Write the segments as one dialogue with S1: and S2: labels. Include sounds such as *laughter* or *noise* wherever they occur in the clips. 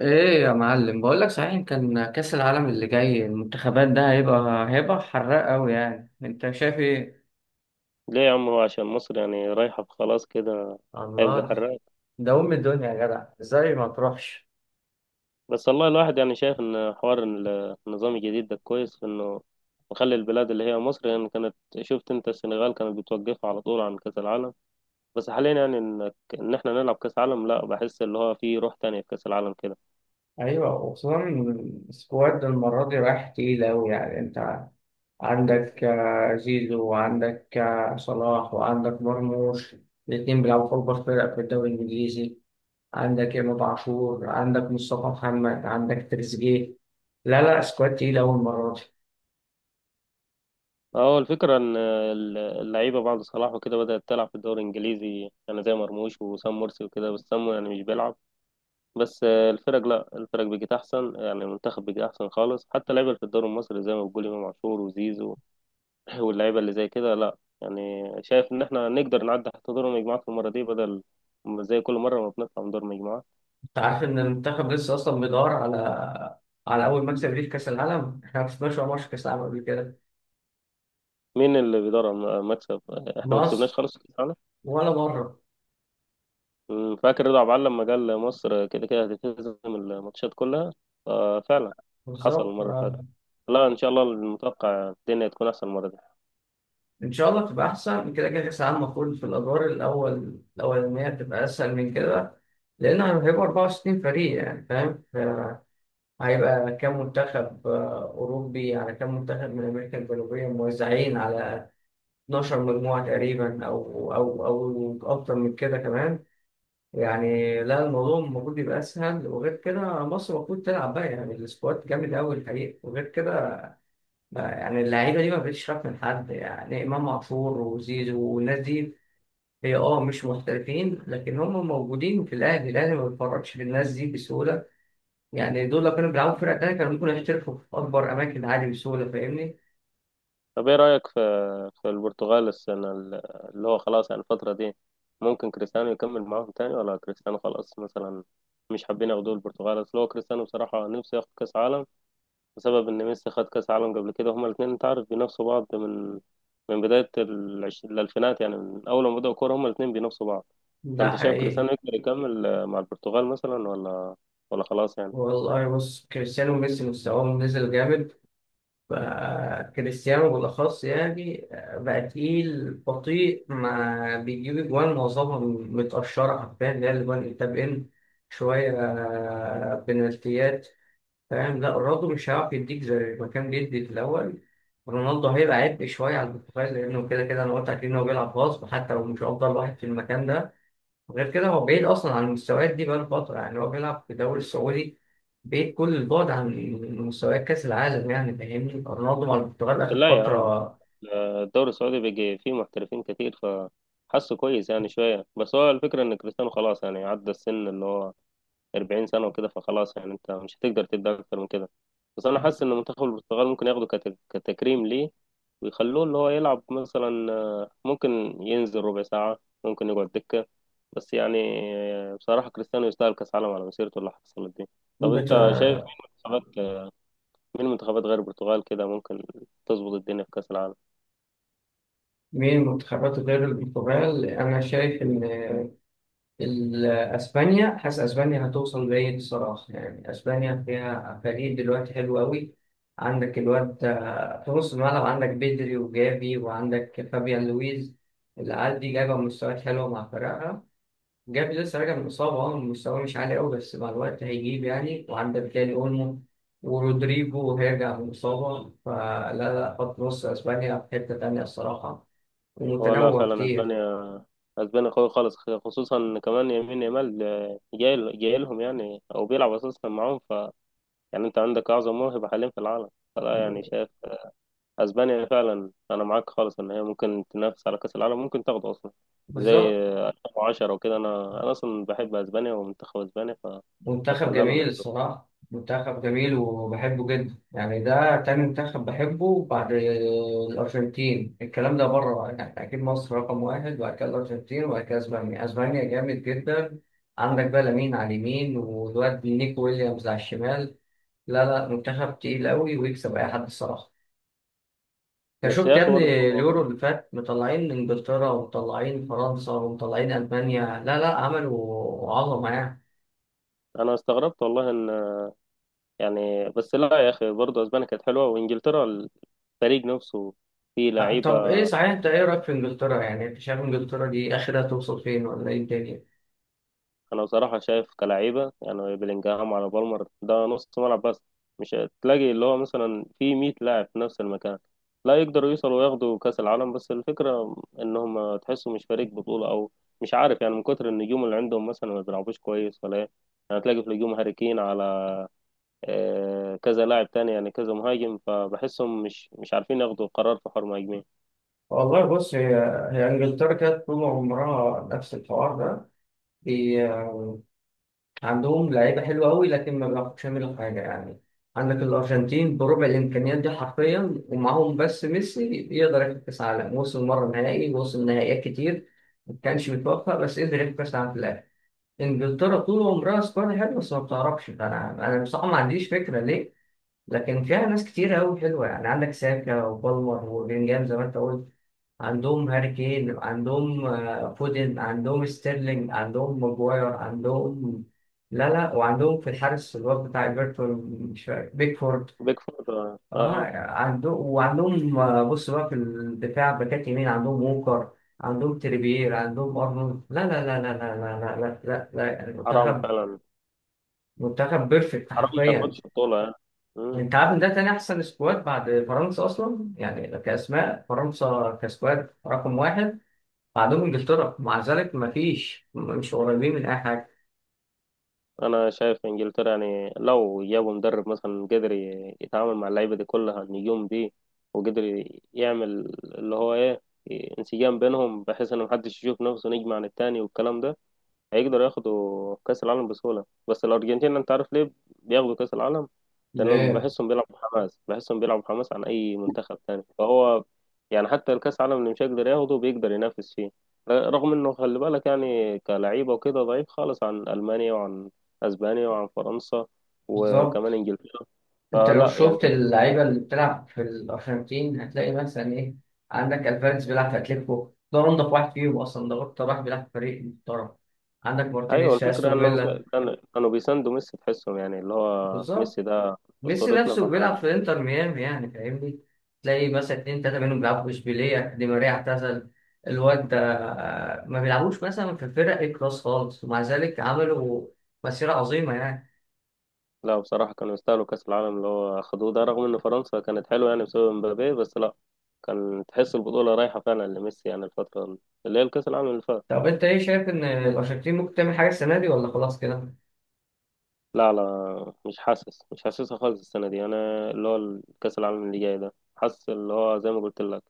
S1: ايه يا معلم، بقول لك صحيح، كان كأس العالم اللي جاي، المنتخبات ده هيبقى حراق قوي، يعني انت شايف ايه؟
S2: ليه يا عم؟ هو عشان مصر يعني رايحة خلاص كده؟
S1: الله،
S2: هيبقى
S1: ده
S2: حراك.
S1: ده أم الدنيا يا جدع، إزاي ما تروحش؟
S2: بس والله الواحد يعني شايف ان حوار النظام الجديد ده كويس في انه مخلي البلاد اللي هي مصر يعني كانت. شفت انت؟ السنغال كانت بتوقفها على طول عن كأس العالم. بس حاليا يعني ان احنا نلعب كأس عالم، لا، بحس اللي هو فيه روح تانية في كأس العالم كده.
S1: ايوه، وخصوصا إن السكواد المره دي رايح تقيل قوي. يعني انت عندك زيزو، وعندك صلاح، وعندك مرموش. الاتنين بيلعبوا في اكبر فرق في الدوري الانجليزي. عندك امام عاشور، عندك مصطفى محمد، عندك تريزيجيه. لا لا، سكواد تقيل قوي المره دي.
S2: هو الفكرة ان اللعيبة بعد صلاح وكده بدأت تلعب في الدوري الانجليزي، يعني زي مرموش وسام مرسي وكده، بس سام يعني مش بيلعب. بس الفرق، لا، الفرق بقت احسن، يعني المنتخب بقى احسن خالص، حتى لعيبه في الدوري المصري زي ما بقول امام عاشور وزيزو. *clears throat* *laughs* واللعيبه اللي زي كده، لا يعني شايف ان احنا نقدر نعدي حتى دور المجموعات في المره دي، بدل ما زي كل مره ما بنطلع من دور المجموعات.
S1: انت عارف ان المنتخب لسه اصلا بيدور على اول مكسب ليه في كاس العالم؟ احنا ما كسبناش ولا ماتش في كاس العالم قبل كده.
S2: مين اللي بيدور على المكسب؟ *clears throat* احنا ما كسبناش
S1: مصر،
S2: خالص في كأس العالم.
S1: ولا مره.
S2: فاكر رضا عبد العال لما قال مصر كده كده هتلتزم الماتشات كلها؟ آه، فعلا حصل
S1: بالظبط
S2: المره اللي
S1: آه.
S2: فاتت. لا، ان شاء الله المتوقع الدنيا تكون احسن المره دي.
S1: ان شاء الله تبقى احسن. كده كده كاس العالم المفروض في الادوار الاول الاولانيه تبقى اسهل من كده، لان هيبقى 64 فريق، يعني فاهم؟ هيبقى كام منتخب أوروبي، على كام منتخب من أمريكا الجنوبية، موزعين على 12 مجموعة تقريبا، أو أكتر من كده كمان. يعني لا، الموضوع المفروض يبقى اسهل. وغير كده، مصر المفروض تلعب بقى، يعني السكواد جامد قوي الحقيقه. وغير كده يعني اللعيبه دي ما بقتش خايف من حد، يعني امام عاشور وزيزو والناس دي، هي مش محترفين، لكن هم موجودين في الاهلي. الاهلي ما بيتفرجش في الناس دي بسهوله. يعني دول لو كانوا بيلعبوا في فرقه تانيه، كانوا ممكن يحترفوا في اكبر اماكن عادي بسهوله، فاهمني؟
S2: طب ايه رأيك في البرتغال السنة اللي هو خلاص يعني الفترة دي؟ ممكن كريستيانو يكمل معاهم تاني، ولا كريستيانو خلاص مثلا مش حابين ياخدوه البرتغال؟ اصل هو كريستيانو بصراحة نفسه ياخد كأس عالم، بسبب ان ميسي خد كأس عالم قبل كده. هما الاتنين انت عارف بينافسوا بعض من بداية الألفينات، يعني من أول ما بدأوا كورة هما الاتنين بينافسوا بعض.
S1: ده
S2: فأنت شايف كريستيانو
S1: حقيقي.
S2: يقدر يكمل مع البرتغال مثلا، ولا خلاص يعني؟
S1: والله بص، كريستيانو وميسي مستواهم نزل جامد. فكريستيانو بالأخص يعني بقى تقيل بطيء، ما بيجيب أجوان، معظمها متقشرة حرفيا، اللي هي الأجوان اللي تابقين شوية بنالتيات، فاهم؟ لا، رونالدو مش هيعرف يديك زي ما كان بيدي في الأول. رونالدو هيبقى عبء شوية على البرتغال، لأنه كده كده، أنا قلت أكيد إن هو بيلعب غصب حتى لو مش أفضل واحد في المكان ده. غير كده، هو بعيد أصلا عن المستويات دي بقاله فترة، يعني هو بيلعب في الدوري السعودي، بعيد كل البعد عن مستويات كأس العالم، يعني فاهمني؟ رونالدو مع البرتغال
S2: بس
S1: آخر
S2: لا يا عم،
S1: فترة.
S2: الدوري السعودي بيجي فيه محترفين كتير فحسه كويس يعني شوية. بس هو الفكرة إن كريستيانو خلاص يعني عدى السن اللي هو 40 سنة وكده، فخلاص يعني أنت مش هتقدر تدي أكتر من كده. بس أنا حاسس إن منتخب البرتغال ممكن ياخده كتكريم ليه، ويخلوه اللي هو يلعب مثلا، ممكن ينزل ربع ساعة، ممكن يقعد دكة، بس يعني بصراحة كريستيانو يستاهل كأس عالم على مسيرته اللي حصلت دي. طب
S1: بت-
S2: أنت شايف مين المنتخبات، مين منتخبات غير البرتغال كده ممكن تظبط الدنيا في كأس العالم؟
S1: من المنتخبات غير البرتغال، أنا شايف إن أسبانيا، حاسس أسبانيا هتوصل بعيد الصراحة. يعني أسبانيا فيها فريق دلوقتي حلو قوي. عندك الواد في نص الملعب، عندك بدري وجافي، وعندك فابيان لويز. العيال دي جايبة مستويات حلوة مع فرقها. جاب لسه راجع من إصابة، مستواه مش عالي أوي، بس مع الوقت هيجيب يعني. وعندك تاني أولمو ورودريجو هيرجع من إصابة. فلا لا، خط نص أسبانيا في حتة تانية الصراحة،
S2: هو لا
S1: ومتنوع
S2: فعلا،
S1: كتير.
S2: اسبانيا. اسبانيا قوي خالص، خصوصا ان كمان يمين يامال جاي جاي لهم يعني، او بيلعب اساسا معاهم ف، يعني انت عندك اعظم موهبة حاليا في العالم. فلا يعني شايف اسبانيا فعلا، انا معاك خالص ان هي ممكن تنافس على كأس العالم، ممكن تاخده اصلا زي
S1: بالظبط.
S2: 2010 وكده. انا اصلا بحب اسبانيا ومنتخب اسبانيا،
S1: منتخب
S2: فاتمنى لهم
S1: جميل
S2: ياخدوه.
S1: الصراحة، منتخب جميل وبحبه جدا. يعني ده تاني منتخب بحبه بعد الأرجنتين. الكلام ده بره، يعني أكيد مصر رقم واحد، وبعد كده الأرجنتين، وبعد كده أسبانيا. أسبانيا جامد جدا. عندك بقى لامين على اليمين، والواد نيكو ويليامز على الشمال. لا لا، منتخب تقيل قوي ويكسب أي حد الصراحة. أنت
S2: بس
S1: شفت
S2: يا
S1: يا
S2: اخي
S1: ابني
S2: برضه،
S1: اليورو اللي فات، مطلعين إنجلترا، ومطلعين فرنسا، ومطلعين ألمانيا؟ لا لا، عملوا عظمة يعني.
S2: انا استغربت والله ان يعني، بس لا يا اخي برضه، اسبانيا كانت حلوه وانجلترا الفريق نفسه فيه
S1: طب ايه
S2: لعيبه.
S1: صحيح، انت ايه رايك في انجلترا؟ يعني انت شايف انجلترا دي اخرها توصل فين، ولا ايه الدنيا؟
S2: انا بصراحه شايف كلعيبه، يعني بلينجهام على بالمر ده نص ملعب بس، مش تلاقي اللي هو مثلا في 100 لاعب في نفس المكان. لا، يقدروا يوصلوا وياخدوا كاس العالم، بس الفكره انهم تحسوا مش فريق بطوله، او مش عارف يعني، من كتر النجوم اللي عندهم مثلا ما بيلعبوش كويس ولا ايه؟ يعني تلاقي في الهجوم هاري كين على كذا لاعب تاني، يعني كذا مهاجم، فبحسهم مش عارفين ياخدوا قرار في حوار مهاجمين.
S1: والله بص، هي انجلترا كانت طول عمرها نفس الحوار ده. بي... عندهم لعيبه حلوه قوي، لكن ما بيعرفوش يعملوا حاجه يعني. عندك الارجنتين بربع الامكانيات دي حرفيا، ومعاهم بس ميسي، يقدر ياخد كاس عالم. وصل مره نهائي، وصل نهائيات كتير، ما كانش متوفق، بس قدر ياخد كاس عالم في الاخر. انجلترا طول عمرها سكواد حلو، بس ما بتعرفش. فانا، بصراحه ما عنديش فكره ليه، لكن فيها ناس كتير أوي حلوة. يعني عندك ساكا وبالمر وبلينجهام زي ما أنت قلت. عندهم هاري كين، عندهم فودن، عندهم ستيرلينج، عندهم ماجواير، عندهم، لا لا، وعندهم في الحارس الواد بتاع ايفرتون، مش فاكر، بيكفورد.
S2: بيك فوت، اه،
S1: اه. عندهم بص بقى، في الدفاع باكات يمين، عندهم ووكر، عندهم تريبيير، عندهم ارنولد. لا لا لا لا لا لا لا لا لا, لا. يعني
S2: حرام
S1: منتخب،
S2: فعلا،
S1: منتخب بيرفكت
S2: حرام ما
S1: حرفيا.
S2: ياخدش بطولة يعني. مم.
S1: انت عارف ان ده تاني احسن سكواد بعد فرنسا اصلا، يعني كاسماء، فرنسا كسكواد رقم واحد، بعدهم انجلترا. مع ذلك مفيش، مش قريبين من اي حاجه.
S2: انا شايف انجلترا يعني، لو جابوا مدرب مثلا قدر يتعامل مع اللعيبة دي كلها، النجوم دي، وقدر يعمل اللي هو ايه، انسجام بينهم، بحيث ان محدش يشوف نفسه نجم عن التاني والكلام ده، هيقدروا ياخدوا كأس العالم بسهولة. بس الارجنتين انت عارف ليه بياخدوا كأس العالم؟ لانهم
S1: ليه؟
S2: بحسهم بيلعبوا حماس، بحسهم بيلعبوا حماس عن اي منتخب تاني، فهو يعني حتى الكاس العالم اللي مش هيقدر ياخده بيقدر ينافس فيه، رغم انه خلي بالك يعني كلعيبه وكده ضعيف خالص عن المانيا، وعن اسبانيا، وعن فرنسا،
S1: بالظبط.
S2: وكمان انجلترا،
S1: انت لو
S2: فلا يعني.
S1: شفت اللعيبه اللي بتلعب في الارجنتين هتلاقي مثلا ايه؟ عندك الفاريز بيلعب في اتلتيكو، ده انضف واحد فيهم اصلا، ده اكتر واحد بيلعب في فريق محترم. عندك
S2: ايوه،
S1: مارتينيز في
S2: الفكره
S1: استون
S2: انهم
S1: فيلا.
S2: كانوا بيساندوا ميسي، تحسهم يعني اللي هو
S1: بالظبط.
S2: ميسي ده
S1: ميسي
S2: اسطورتنا
S1: نفسه بيلعب
S2: فاحنا.
S1: في انتر ميامي، يعني فاهمني؟ تلاقي مثلا اتنين تلاتة منهم بيلعبوا في اشبيلية. دي ماريا اعتزل. الواد ده ما بيلعبوش مثلا في فرق الكلاس خالص، ومع ذلك عملوا مسيرة عظيمة يعني.
S2: لا بصراحة كانوا يستاهلوا كأس العالم اللي هو أخدوه ده، رغم إن فرنسا كانت حلوة يعني بسبب مبابي، بس لا، كان تحس البطولة رايحة فعلا لميسي، يعني الفترة اللي هي الكأس العالم اللي فات.
S1: طب انت ايه، شايف ان الارجنتين ممكن تعمل حاجة السنة دي، ولا خلاص كده؟
S2: لا لا، مش حاسس، مش حاسسها خالص السنة دي أنا. اللي هو كأس العالم اللي جاي ده حاسس اللي هو زي ما قلت لك،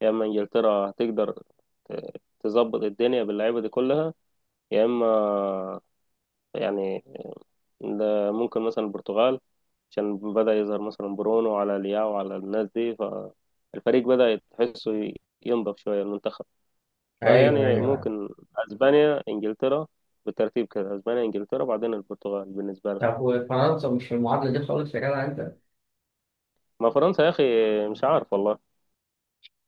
S2: يا إما إنجلترا هتقدر تظبط الدنيا باللعيبة دي كلها، يا إما يعني، ده ممكن مثلا البرتغال، عشان بدأ يظهر مثلا برونو على لياو على الناس دي، فالفريق بدأ تحسه ينضف شوية المنتخب.
S1: ايوه
S2: فيعني
S1: ايوه.
S2: ممكن أسبانيا، إنجلترا، بالترتيب كده: أسبانيا، إنجلترا، بعدين البرتغال بالنسبة لنا.
S1: طب وفرنسا مش في المعادله دي خالص يا جدع انت؟
S2: ما فرنسا يا أخي مش عارف والله.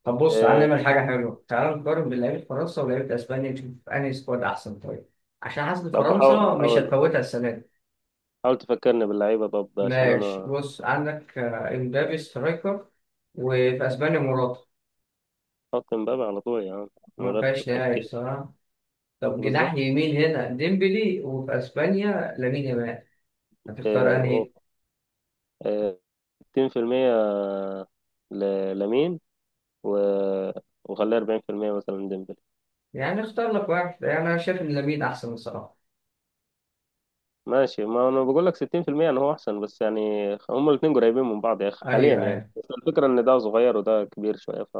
S1: طب بص، تعالى
S2: إيه؟
S1: نعمل حاجه حلوه، تعالى نقارن بين لعيبه فرنسا ولعيبه اسبانيا، نشوف انهي سكواد احسن طيب. عشان حاسس ان
S2: طب حاول
S1: فرنسا مش
S2: حاول
S1: هتفوتها السنة دي.
S2: حاول تفكرني باللعيبة، طب عشان
S1: ماشي،
S2: أنا.
S1: بص عندك امبابي سترايكر، وفي اسبانيا موراتا.
S2: حط مبابي على طول يعني من
S1: ما
S2: غير
S1: فيهاش نهائي
S2: تفكير.
S1: بصراحه. طب جناح
S2: بالظبط.
S1: يمين، هنا ديمبلي، وفي اسبانيا لامين يامال، هتختار
S2: إيه
S1: انهي؟
S2: إيه، 60% لمين و... وخليه 40% مثلا ديمبلي؟
S1: يعني اختار لك واحد. يعني انا شايف ان لامين احسن بصراحه.
S2: ماشي، ما انا بقول لك 60% ان هو احسن، بس يعني هما الاثنين قريبين من بعض يا اخي حاليا
S1: ايوه
S2: يعني،
S1: ايوه.
S2: بس الفكره ان ده صغير وده كبير شويه ف،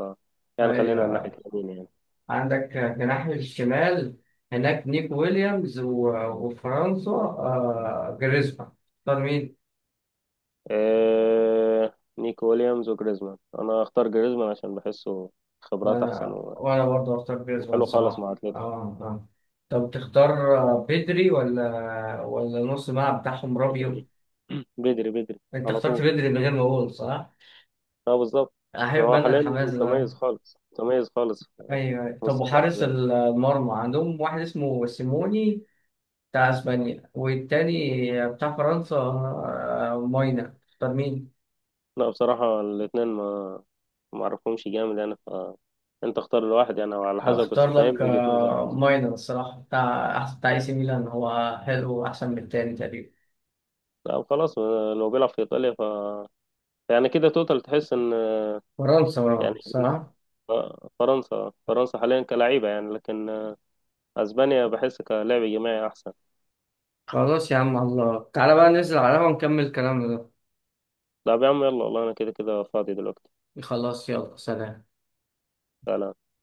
S2: يعني خلينا على ناحيه
S1: ايوه،
S2: اليمين يعني.
S1: عندك جناح الشمال، هناك نيك ويليامز، و- وفرنسا جريزمان، اختار مين؟
S2: نيكو ويليامز وجريزمان، انا اختار جريزمان عشان بحسه خبرات احسن،
S1: وانا، برضه هختار جريزمان
S2: وحلو خالص
S1: الصراحه.
S2: مع
S1: اه.
S2: اتلتيكو.
S1: اه. طب تختار بدري، ولا نص الملعب بتاعهم رابيو؟
S2: بدري، بدري، بدري،
S1: انت
S2: على
S1: اخترت
S2: طول.
S1: بدري من غير ما اقول؟ صح.
S2: اه بالظبط،
S1: احب
S2: هو
S1: انا
S2: حاليا
S1: الحماس ده.
S2: متميز خالص، متميز خالص في
S1: ايوه أيوة. طب،
S2: نص الملعب
S1: وحارس
S2: يعني.
S1: المرمى، عندهم واحد اسمه سيموني بتاع اسبانيا، والتاني بتاع فرنسا ماينا، اختار مين؟
S2: لا بصراحه الاثنين ما اعرفهمش جامد يعني ف، انت اختار الواحد يعني، او على حسب، بس
S1: اختار
S2: فاهم
S1: لك
S2: وجهة نظرك.
S1: ماينا الصراحه، بتاع احسن، بتاع اي سي ميلان، هو حلو احسن من التاني تقريبا.
S2: او خلاص، لو بيلعب في ايطاليا ف، يعني كده توتال تحس ان
S1: فرنسا
S2: يعني،
S1: صح.
S2: فرنسا، فرنسا حاليا كلعيبه يعني، لكن اسبانيا بحس كلعب جماعي احسن.
S1: خلاص يا عم، الله، تعالى بقى ننزل على القهوة ونكمل كلامنا ده.
S2: طب يا عم، يلا والله انا كده كده فاضي دلوقتي.
S1: خلاص، يلا سلام.
S2: تعالى.